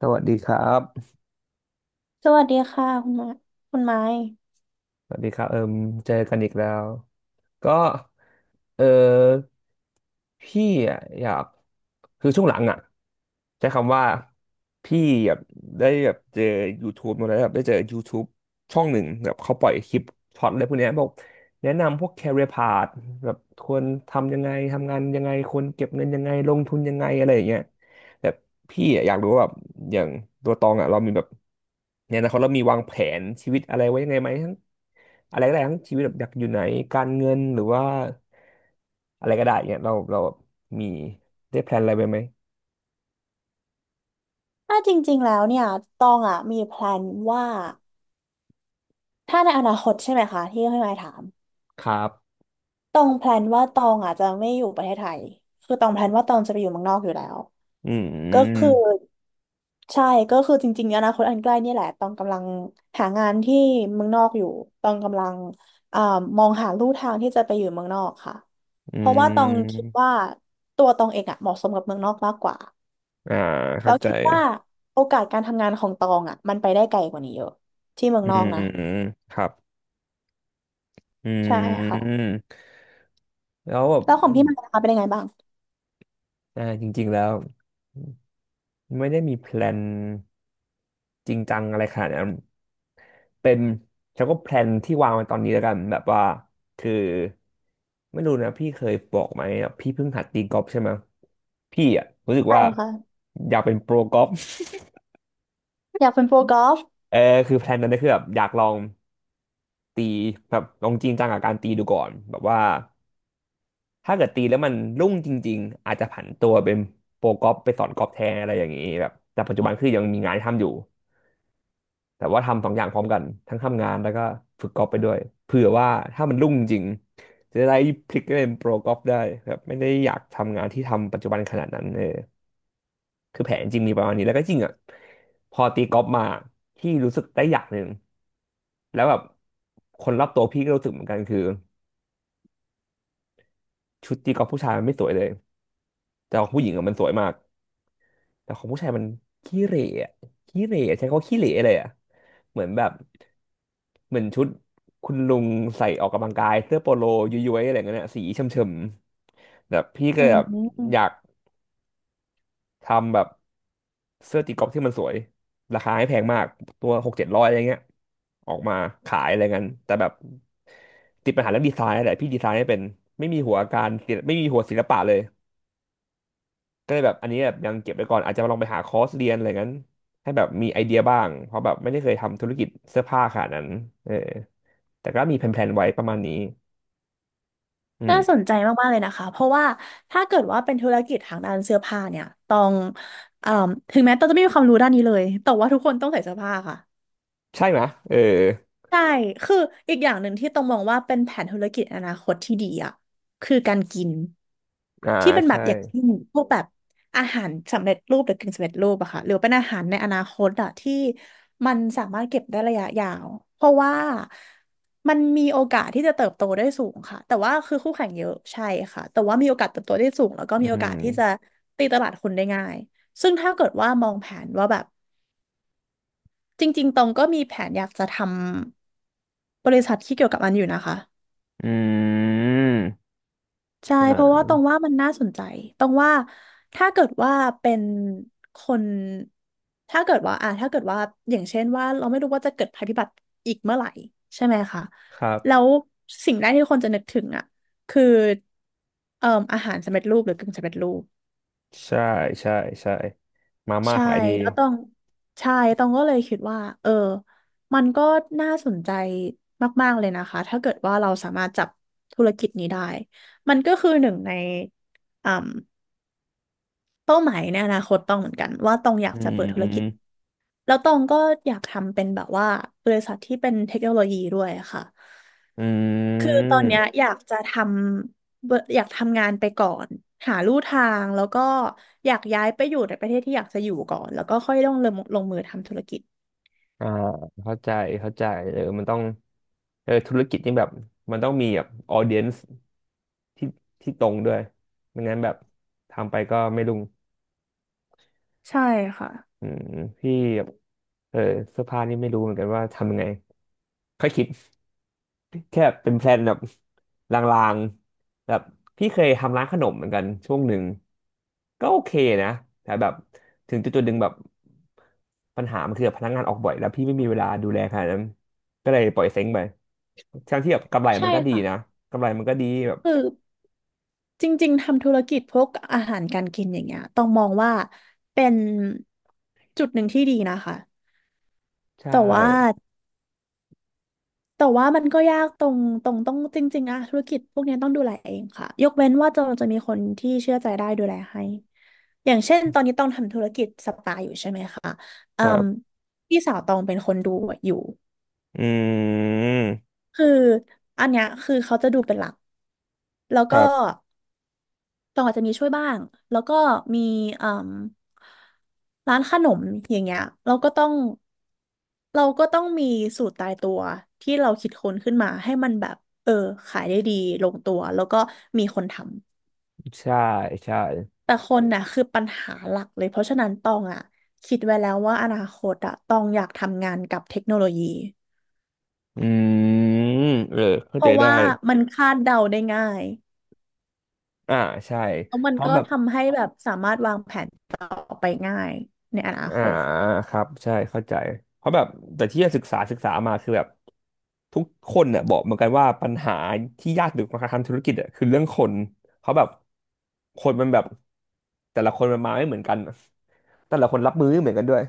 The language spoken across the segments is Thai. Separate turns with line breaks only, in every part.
สวัสดีครับ
สวัสดีค่ะคุณไม้คุณไม้
สวัสดีครับเอิมเจอกันอีกแล้ว ก็ เออ พี่อยาก คือช่วงหลังอ่ะใช้คำว่า พี่แบบได้แบบเจอ YouTube มาแล้วแบบได้เจอ YouTube ช่องหนึ่งแบบเขาปล่อยคลิปช็อตอะไรพวกเนี้ยบอกแนะนำพวก career path แบบควรทำยังไงทำงานยังไงควรเก็บเงินยังไงลงทุนยังไงอะไรอย่างเงี้ย แต่พี่อะอยากรู้ว่าแบบอย่างตัวตองอ่ะเรามีแบบในอนาคตเรามีวางแผนชีวิตอะไรไว้ยังไงไหมทั้งอะไรก็ได้ทั้งชีวิตแบบอยากอยู่ไหนการเงินหรือว่าอะไรก็ได้เงี้ยเรามีได้แพลนอะไรไปไหม
ถ้าจริงๆแล้วเนี่ยตองอ่ะมีแพลนว่าถ้าในอนาคตใช่ไหมคะที่คุณไม้ถาม
ครับ
ตองแพลนว่าตองอ่ะจะไม่อยู่ประเทศไทยคือตองแพลนว่าตองจะไปอยู่เมืองนอกอยู่แล้ว
อื
ก็คือ
ม
ใช่ก็คือจริงๆอนาคตอันใกล้เนี่ยแหละตองกำลังหางานที่เมืองนอกอยู่ตองกำลังอ่ามองหาลู่ทางที่จะไปอยู่เมืองนอกค่ะ
อื
เพราะว่าตองคิ
ม
ดว่าตัวตองเองอ่ะเหมาะสมกับเมืองนอกมากกว่า
อ่าเข้า
เรา
ใจ
คิดว่าโอกาสการทำงานของตองอ่ะมันไปได้ไกลกว่านี้เยอะที่เมือง
อื
นอก
ม
นะ
ครับอื
ใช่ค่ะ
มแล้วแบบ
แล้วของพี่มันนะคะเป็นยังไงบ้าง
อ่าจริงๆแล้วไม่ได้มีแพลนจริงจังอะไรขนาดนั้น เป็นฉันก็แพลนที่วางไว้ตอนนี้แล้วกันแบบว่าคือไม่รู้นะพี่เคยบอกไหมอะพี่เพิ่งหัดตีกอล์ฟใช่ไหมพี่อ่ะรู้สึก
ใช่
ว่า
ค่ะ
อยากเป็นโปรกอล์ฟ
อยากเป็นโปรกอล์ฟ
เออคือแพลนนั้นก็คือแบบอยากลองตีแบบลองจริงจังกับการตีดูก่อนแบบว่าถ้าเกิดตีแล้วมันรุ่งจริงๆอาจจะผันตัวเป็นโปรกอล์ฟไปสอนกอล์ฟแทนอะไรอย่างนี้แบบแต่ปัจจุบันคือยังมีงานททำอยู่ แต่ว่าทำสองอย่างพร้อมกันทั้งทำงานแล้วก็ฝึกกอล์ฟไปด้วยเผื่อว่าถ้ามันรุ่งจริงจะได้พลิกไปเป็นโปรกอล์ฟได้ครับไม่ได้อยากทำงานที่ทำปัจจุบันขนาดนั้นเออคือแผนจริงมีประมาณนี้แล้วก็จริงอ่ะพอตีกอล์ฟมาที่รู้สึกได้อย่างหนึ่งแล้วแบบคนรอบตัวพี่ก็รู้สึกเหมือนกันคือชุดตีกอล์ฟผู้ชายมันไม่สวยเลยแต่ของผู้หญิงอะมันสวยมาก แต่ของผู้ชายมันขี้เหร่อะขี้เหร่อะใช้คำว่าขี้เหร่เลยอะเหมือนแบบเหมือนชุดคุณลุงใส่ออกกำลังกายเสื้อโปโลย้วยๆอะไรเงี้ยนะสีเฉมๆแบบพี่ก็
อื
แบบอยา
ม
กทำแบบเสื้อตีกอล์ฟที่มันสวยราคาไม่แพงมากตัวหกเจ็ดร้อยอะไรเงี้ยออกมาขายอะไรเงี้ยแต่แบบติดปัญหาเรื่องดีไซน์นั่นแหละพี่ดีไซน์ไม่เป็นไม่มีหัวการศิลป์ไม่มีหัวศิลปะเลย ก็เลยแบบอันนี้แบบยังเก็บไว้ก่อนอาจจะลองไปหาคอร์สเรียนอะไรงั้นให้แบบมีไอเดียบ้างเพราะแบบไม่ได้เคยทำธุรกิจเสื้อผ้าขนาดนั้นเออแต่ก็มีแผนๆไว้ประมาณนี้อื
น่าสน
ม
ใจมากๆเลยนะคะเพราะว่าถ้าเกิดว่าเป็นธุรกิจทางด้านเสื้อผ้าเนี่ยต้องเอ่มถึงแม้ต้องจะไม่มีความรู้ด้านนี้เลยแต่ว่าทุกคนต้องใส่เสื้อผ้าค่ะ
ใช่ไหมเออ
ใช่ คืออีกอย่างหนึ่งที่ต้องมองว่าเป็นแผนธุรกิจอนาคตที่ดีอ่ะคือการกิน
อ่า
ที่เป็นแบบ
ใช่.
อย่างเช่นพวกแบบอาหารสำเร็จรูปหรือกึ่งสำเร็จรูปอะค่ะหรือเป็นอาหารในอนาคตอะที่มันสามารถเก็บได้ระยะยาวเพราะว่ามันมีโอกาสที่จะเติบโตได้สูงค่ะแต่ว่าคือคู่แข่งเยอะใช่ค่ะแต่ว่ามีโอกาสเติบโตได้สูงแล้วก็
อื
มีโอ
ม
กาสที่จะตีตลาดคนได้ง่ายซึ่งถ้าเกิดว่ามองแผนว่าแบบ จริงๆตองก็มีแผนอยากจะทำบริษัทที่เกี่ยวกับมันอยู่นะคะ
อืม
ใช่
อ่
เพราะว่า
า
ตองว่ามันน่าสนใจตองว่าถ้าเกิดว่าเป็นคนถ้าเกิดว่าถ้าเกิดว่าอย่างเช่นว่าเราไม่รู้ว่าจะเกิดภัยพิบัติอีกเมื่อไหร่ใช่ไหมคะ
ครั
แล้
บ
วสิ่งแรกที่คนจะนึกถึงอ่ะคือเอ่ออาหารสำเร็จรูปหรือกึ่งสำเร็จรูป
ใช่ใช่ใช่มาม่า
ใช่
ขายดี
แล้วต้องใช่ต้องก็เลยคิดว่าเออมันก็น่าสนใจมากๆเลยนะคะถ้าเกิดว่าเราสามารถจับธุรกิจนี้ได้มันก็คือหนึ่งในอ่าเป้าหมายในอนาคตต้องเหมือนกันว่าต้องอยา
อื
กจะ
ม
เปิดธุ
อื
ร
ม
กิจแล้วตองก็อยากทำเป็นแบบว่าบริษัทที่เป็นเทคโนโลยีด้วยค่ะ
อื
คือ
ม
ตอนเนี้ยอยากจะทำเบอร์อยากทำงานไปก่อนหาลู่ทางแล้วก็อยากย้ายไปอยู่ในประเทศที่อยากจะอยู่ก่อนแล้วก็ค่อยต้องลงมือทำธุรกิจ
อ่าเข้าใจเข้าใจเออมันต้องเออธุรกิจนี่แบบมันต้องมีแบบออเดียนซ์ ที่ที่ตรงด้วยไม่งั้นแบบทำไปก็ไม่รุ่ง
ใช่ค่ะ
อืมพี่แบบเออเสื้อผ้านี่ไม่รู้เหมือนกันว่าทำยังไงค่อยคิด แค่เป็นแพลนแบบลางๆแบบพี่เคยทำร้านขนมเหมือนกันช่วงหนึ่งก็โอเคนะแต่แบบถึงจุดๆหนึ่งแบบปัญหามันคือแบบพนักงานออกบ่อยแล้วพี่ไม่มีเวลาดูแลขนาดนั้นก็เลยปล่อยเซ้งไปทั้งที่แบบกำไร
ใช่
มันก็ดี
ค่ะ
นะกำไรมันก็ดีแบบ
คือจริงๆทำธุรกิจพวกอาหารการกินอย่างเงี้ยต้องมองว่าเป็นจุดหนึ่งที่ดีนะคะ
ใช
แต่ว่า
่
แต่ว่ามันก็ยากตรงต้องจริงๆอะธุรกิจพวกเนี้ยต้องดูแลเองค่ะยกเว้นว่าจะมีคนที่เชื่อใจได้ดูแลให้อย่างเช่นตอนนี้ต้องทำธุรกิจสปาอยู่ใช่ไหมคะ
ค
อื
รั
ม
บ
พี่สาวตองเป็นคนดูอยู่
อืม
คืออันเนี้ยคือเขาจะดูเป็นหลักแล้ว
ค
ก็
รับ
ตองอาจจะมีช่วยบ้างแล้วก็มีเอ่มร้านขนมอย่างเงี้ยเราก็ต้องเราก็ต้องมีสูตรตายตัวที่เราคิดค้นขึ้นมาให้มันแบบเออขายได้ดีลงตัวแล้วก็มีคนทำ
ใช่ใช่
แต่คนน่ะคือปัญหาหลักเลยเพราะฉะนั้นตองอ่ะคิดไว้แล้วว่าอนาคตอ่ะตองอยากทำงานกับเทคโนโลยี
อืมเออเข้า
เพ
ใจ
ราะ
ได้
ว่ามันคาดเดาได้ง่าย
อ่าใช่
แล้วมั
เพ
น
ราะ
ก็
แบบ
ทำให้แบบสามารถวางแผนต่อไปง่ายในอนา
อ่า
คต
ครับใช่เข้าใจเพราะแบบแต่ที่ศึกษาศึกษามาคือแบบทุกคนเนี่ยบอกเหมือนกันว่าปัญหาที่ยากที่สุดของการทำธุรกิจอ่ะคือเรื่องคนเขาะแบบคนมันแบบแต่ละคนมันมาไม่เหมือนกันอะแต่ละคนรับมือไม่เหมือนกันด้วย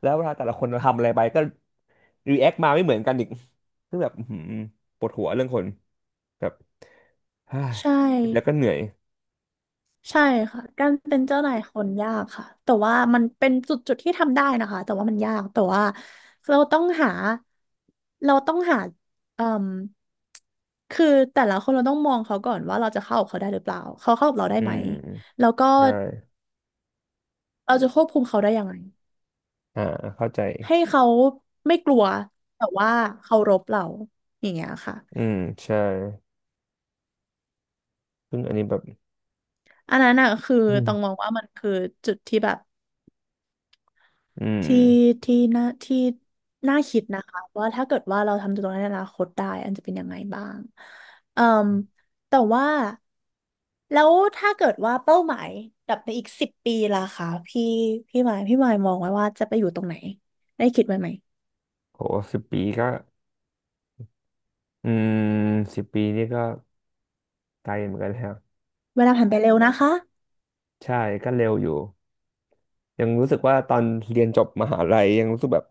แล้วเวลาแต่ละคนทำอะไรไปก็รีแอคมาไม่เหมือนกันอีกซึ่งแบบอื้อหือปวดหัวเรื่องคนแบบ
ใช
แล้วก็
่
เหนื่อย
ใช่ค่ะการเป็นเจ้านายคนยากค่ะแต่ว่ามันเป็นจุดจุดที่ทำได้นะคะแต่ว่ามันยากแต่ว่าเราต้องหาเราต้องหาเอ่มคือแต่ละคนเราต้องมองเขาก่อนว่าเราจะเข้ากับเขาได้หรือเปล่าเขาเข้ากับเราได้
อื
ไหม
ม
แล้วก็
ใช่
เราจะควบคุมเขาได้ยังไง
อ่าเข้าใจ
ให้เขาไม่กลัวแต่ว่าเคารพเราอย่างเงี้ยค่ะ
อืมใช่ซึ่งอันนี้แบบ
อันนั้นน่ะคือ
อื
ต้องมอ
ม
งว่ามันคือจุดที่แบบ
อืม
ที่ที่น่าคิดนะคะว่าถ้าเกิดว่าเราทำตรงนั้นในอนาคตได้อันจะเป็นยังไงบ้างเอ่มแต่ว่าแล้วถ้าเกิดว่าเป้าหมายแบบในอีกสิบปีล่ะคะพี่พี่หมายมองไว้ว่าจะไปอยู่ตรงไหนได้คิดไว้ไหม
โหสิบปีก็อืมสิบปีนี่ก็ไกลเหมือนกันแล้ว
เวลาผ่านไปเร็วนะคะ
ใช่ก็เร็วอยู่ ยังรู้สึกว่าตอนเรียนจบมหาลัยยังรู้สึกแบบ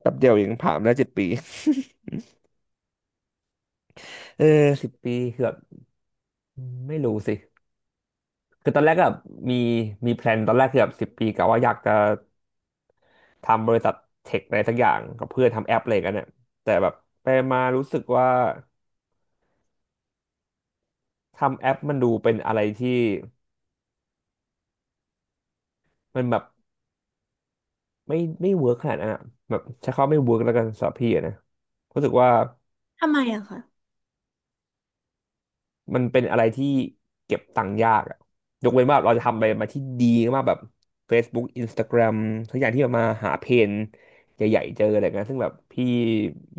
แป๊บเดียวเองผ่านแล้ว7 ปี เออ10 ปีคือแบบไม่รู้สิคือตอนแรกก็แบบมีมีแพลนตอนแรกคือแบบสิบปีกะว่าอยากจะทำบริษัทเทคอะไรสักอย่างกับเพื่อนทำแอปอะไรกันเนี่ยแต่แบบไปมารู้สึกว่า ทำแอปมันดูเป็นอะไรที่มันแบบไม่เวิร์กขนาดนั้นอะแบบใช้คำว่าไม่เวิร์กแล้วกันสำหรับพี่อะนะรู้สึกว่า
ทำไมอะคะ
มันเป็นอะไรที่เก็บตังค์ยากอะยกเว้นว่าเราจะทำอะไรมาที่ดีมากแบบ Facebook Instagram ทุกอย่างที่มันมาหาเพนใหญ่ๆเจออะไรเงี้ยซึ่งแบบพี่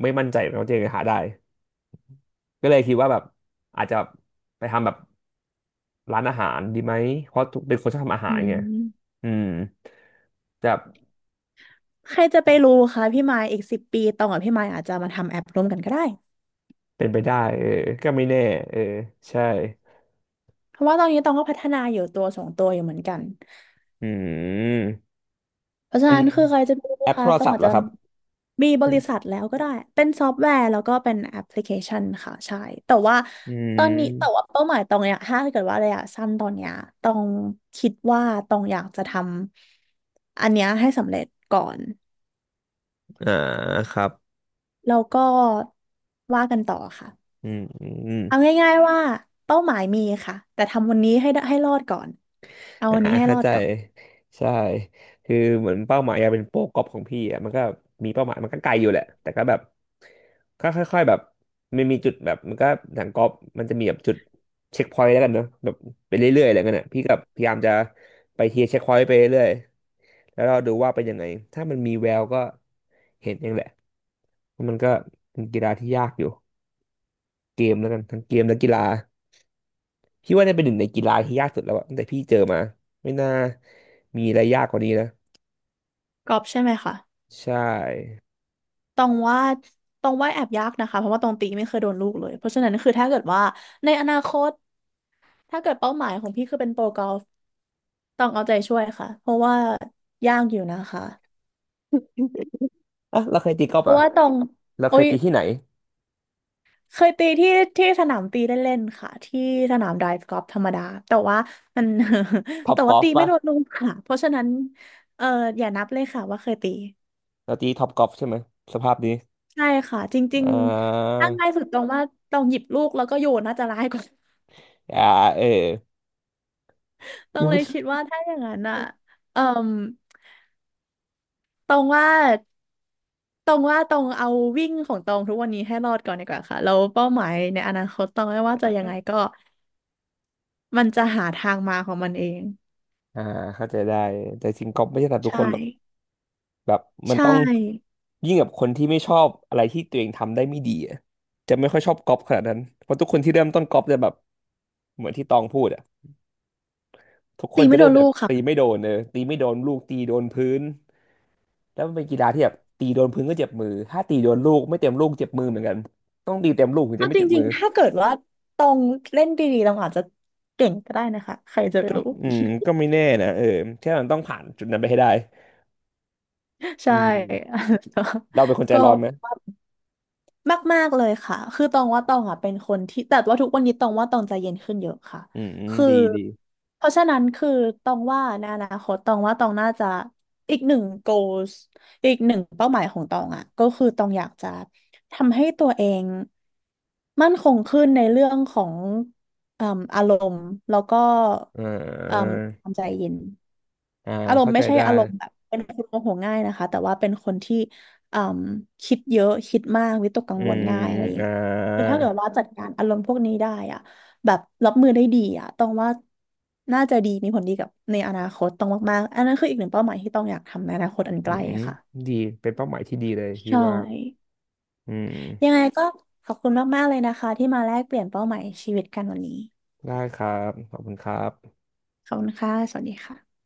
ไม่มั่นใจว่าจะหาได้ก็เลยคิดว่าแบบอาจจะไปทำแบบร้านอาหารดีไหมเพราะทุกเป็นคนชอบทำอาหา
อื
รไง
ม
อืมจะ
ใครจะไปรู้คะพี่หมายอีกสิบปีตองกับพี่หมายอาจจะมาทำแอปร่วมกันก็ได้
เป็นไปได้เออก็ไม่แน่เออใช่
เพราะว่าตอนนี้ตองก็พัฒนาอยู่ตัวสองตัวอยู่เหมือนกัน
อืม
เพราะฉะ
เป็น
นั้นคือใครจะไปรู้
แอปโท
คะ
ร
ต้อง
ศัพ
อา
ท์
จ
เหรอ
จะ
ครับ
มีบริษัทแล้วก็ได้เป็นซอฟต์แวร์แล้วก็เป็นแอปพลิเคชันค่ะใช่แต่ว่า
อื
ตอนนี้แต่ว่า
ม
เป้าหมายตองเนี้ยถ้าเกิดว่าระยะสั้นตอนเนี้ยตองคิดว่าตองอยากจะทำอันเนี้ยให้สำเร็จก่อน
อ่าครับ
แล้วก็ว่ากันต่อค่ะ
อืมอืม
เอาง่ายๆว่าเป้าหมายมีค่ะแต่ทำวันนี้ให้ได้ให้รอดก่อนเอา
อ่า
วันนี้ให้ร
เข้า
อด
ใจ
ก่อน
ใช่คือเหมือนเป้าหมายอยากเป็นโปรกอล์ฟของพี่อ่ะมันก็มีเป้าหมายมันก็ไกลอยู่แหละแต่ก็แบบก็ค่อยๆแบบมันมีจุดแบบมันก็หนังกอล์ฟมันจะมีแบบจุดเช็คพอยต์แล้วกันเนอะแบบไปเรื่อยๆอะไรเงี้ยน่ะพี่กับพยายามจะไปเทียร์เช็คพอยต์ไปเรื่อย แล้วเราดูว่าเป็นยังไงถ้ามันมีแววก็เห็นเองแหละว่ามันก็เป็นกีฬาที่ยากอยู่เกมแล้วกันทั้งเกมและกีฬาพี่ว่าเนี่ยเป็นหนึ่งในกีฬาที่ยากสุดแล้วอะตั้งแต่พี่เจอมาไม่น่ามีอะไรยากกว่านี้นะ
กอบใช่ไหมคะ
ใช่
ตองว่าตองว่าแอบยากนะคะเพราะว่าตองตีไม่เคยโดนลูกเลยเพราะฉะนั้นคือถ้าเกิดว่าในอนาคตถ้าเกิดเป้าหมายของพี่คือเป็นโปรกอล์ฟตองเอาใจช่วยค่ะเพราะว่ายากอยู่นะคะ
อ่ะเราเคยตีกอล์ฟ
เพ
เหร
ราะ
อ่ะ
ว่าตอง
เรา
โอ้
เคย
ย
ตีที่ไหน
เคยตีที่ที่สนามตีเล่นๆค่ะที่สนามไดฟ์กอล์ฟธรรมดาแต่ว่ามัน
ท็ อป
แต่
ก
ว่า
อล์ฟ
ตีไม่
ปะ
โดนลูกค่ะเพราะฉะนั้นเอออย่านับเลยค่ะว่าเคยตี
เราตีท็อปกอล์ฟใช่ไหมสภาพนี้
ใช่ค่ะจริง
อ่า
ๆถ้าง่ายสุดตรงว่าตองหยิบลูกแล้วก็โยนน่าจะร้ายกว่า
อ่าเออ
ตรงเลยคิดว่าถ้าอย่างนั้นอ่ะเอ่มตรงว่าตรงว่าตรงเอาวิ่งของตรงทุกวันนี้ให้รอดก่อนดีกว่าค่ะแล้วเป้าหมายในอนาคตตรงไม่ว่าจะยังไงก็มันจะหาทางมาของมันเอง
อ่าเข้าใจได้แต่จริงกอล์ฟไม่ใช่สำหรับทุก
ใช่
คนหรอกแบบมั
ใช
นต้อง
่
ยิ่งกับคนที่ไม่ชอบอะไรที่ตัวเองทำได้ไม่ดีอะจะไม่ค่อยชอบก๊อปขนาดนั้นเพราะทุกคนที่เริ่มต้นก๊อปจะแบบเหมือนที่ตองพูดอ่ะทุกค
ตี
นจะ
ไม่โด
เริ่ม
น
จา
ลู
ก
กค่ะ
ตีไม่โดนเออตีไม่โดนลูกตีโดนพื้นแล้วมันเป็นกีฬาที่แบบตีโดนพื้นก็เจ็บมือถ้าตีโดนลูกไม่เต็มลูกเจ็บมือเหมือนกันต้องตีเต็มลูกถึงจะ
เอา
ไม่
จ
เจ็บ
ริ
มื
ง
อ
ๆถ้าเกิดว่าตรงเล่นดีๆเราอาจจะเก่งก็ได้นะคะใครจะไป
ก็
รู้
อืมก็ไม่แน่นะเออแค่มันต้องผ่านจุดนั้นไปให้ได้ อื
ใช่
มเราเป็นค นใจ
ก็
ร้อนไหม
มากๆเลยค่ะคือตองว่าตองอ่ะเป็นคนที่แต่ว่าทุกวันนี้ตองว่าตองใจเย็นขึ้นเยอะค่ะ
อืมอืม
คือ
ดีดี
เพราะฉะนั้นคือตองว่าในอนาคตตองว่าตองน่าจะอีกหนึ่ง goals อีกหนึ่งเป้าหมายของตองอ่ะก็คือตองอยากจะทำให้ตัวเองมั่นคงขึ้นในเรื่องของเอ่มอารมณ์แล้วก็
อ่
เอ่ม
า
ความใจเย็น
อ่า
อารม
เข้า
ณ์ไม่
ใจ
ใช่
ได้
อารมณ์แบบเป็นคนโมโหง่ายนะคะแต่ว่าเป็นคนที่ เอมคิดเยอะคิดมากวิตกกัง
อื
วลง่ายอะ
ม
ไรอย่าง
อ่
งี้คือถ้า
า
เกิดว่าจัดการอารมณ์พวกนี้ได้อ่ะแบบรับมือได้ดีอ่ะต้องว่าน่าจะดีมีผลดีกับในอนาคตต้องมากๆอันนั้นคืออีกหนึ่งเป้าหมายที่ต้องอยากทำในอนาคตอัน
อื
ใกล้
ม
ค่ะ
ดีเป็นเป้าหมายที่ดีเลยพี่
ใช่
ว่าอื
ยัง
ม
ไงก็ขอบคุณมากๆเลยนะคะที่มาแลกเปลี่ยนเป้าหมายชีวิตกันวันนี้
ได้ครับขอบคุณครับ
ขอบคุณค่ะสวัสดีค่ะ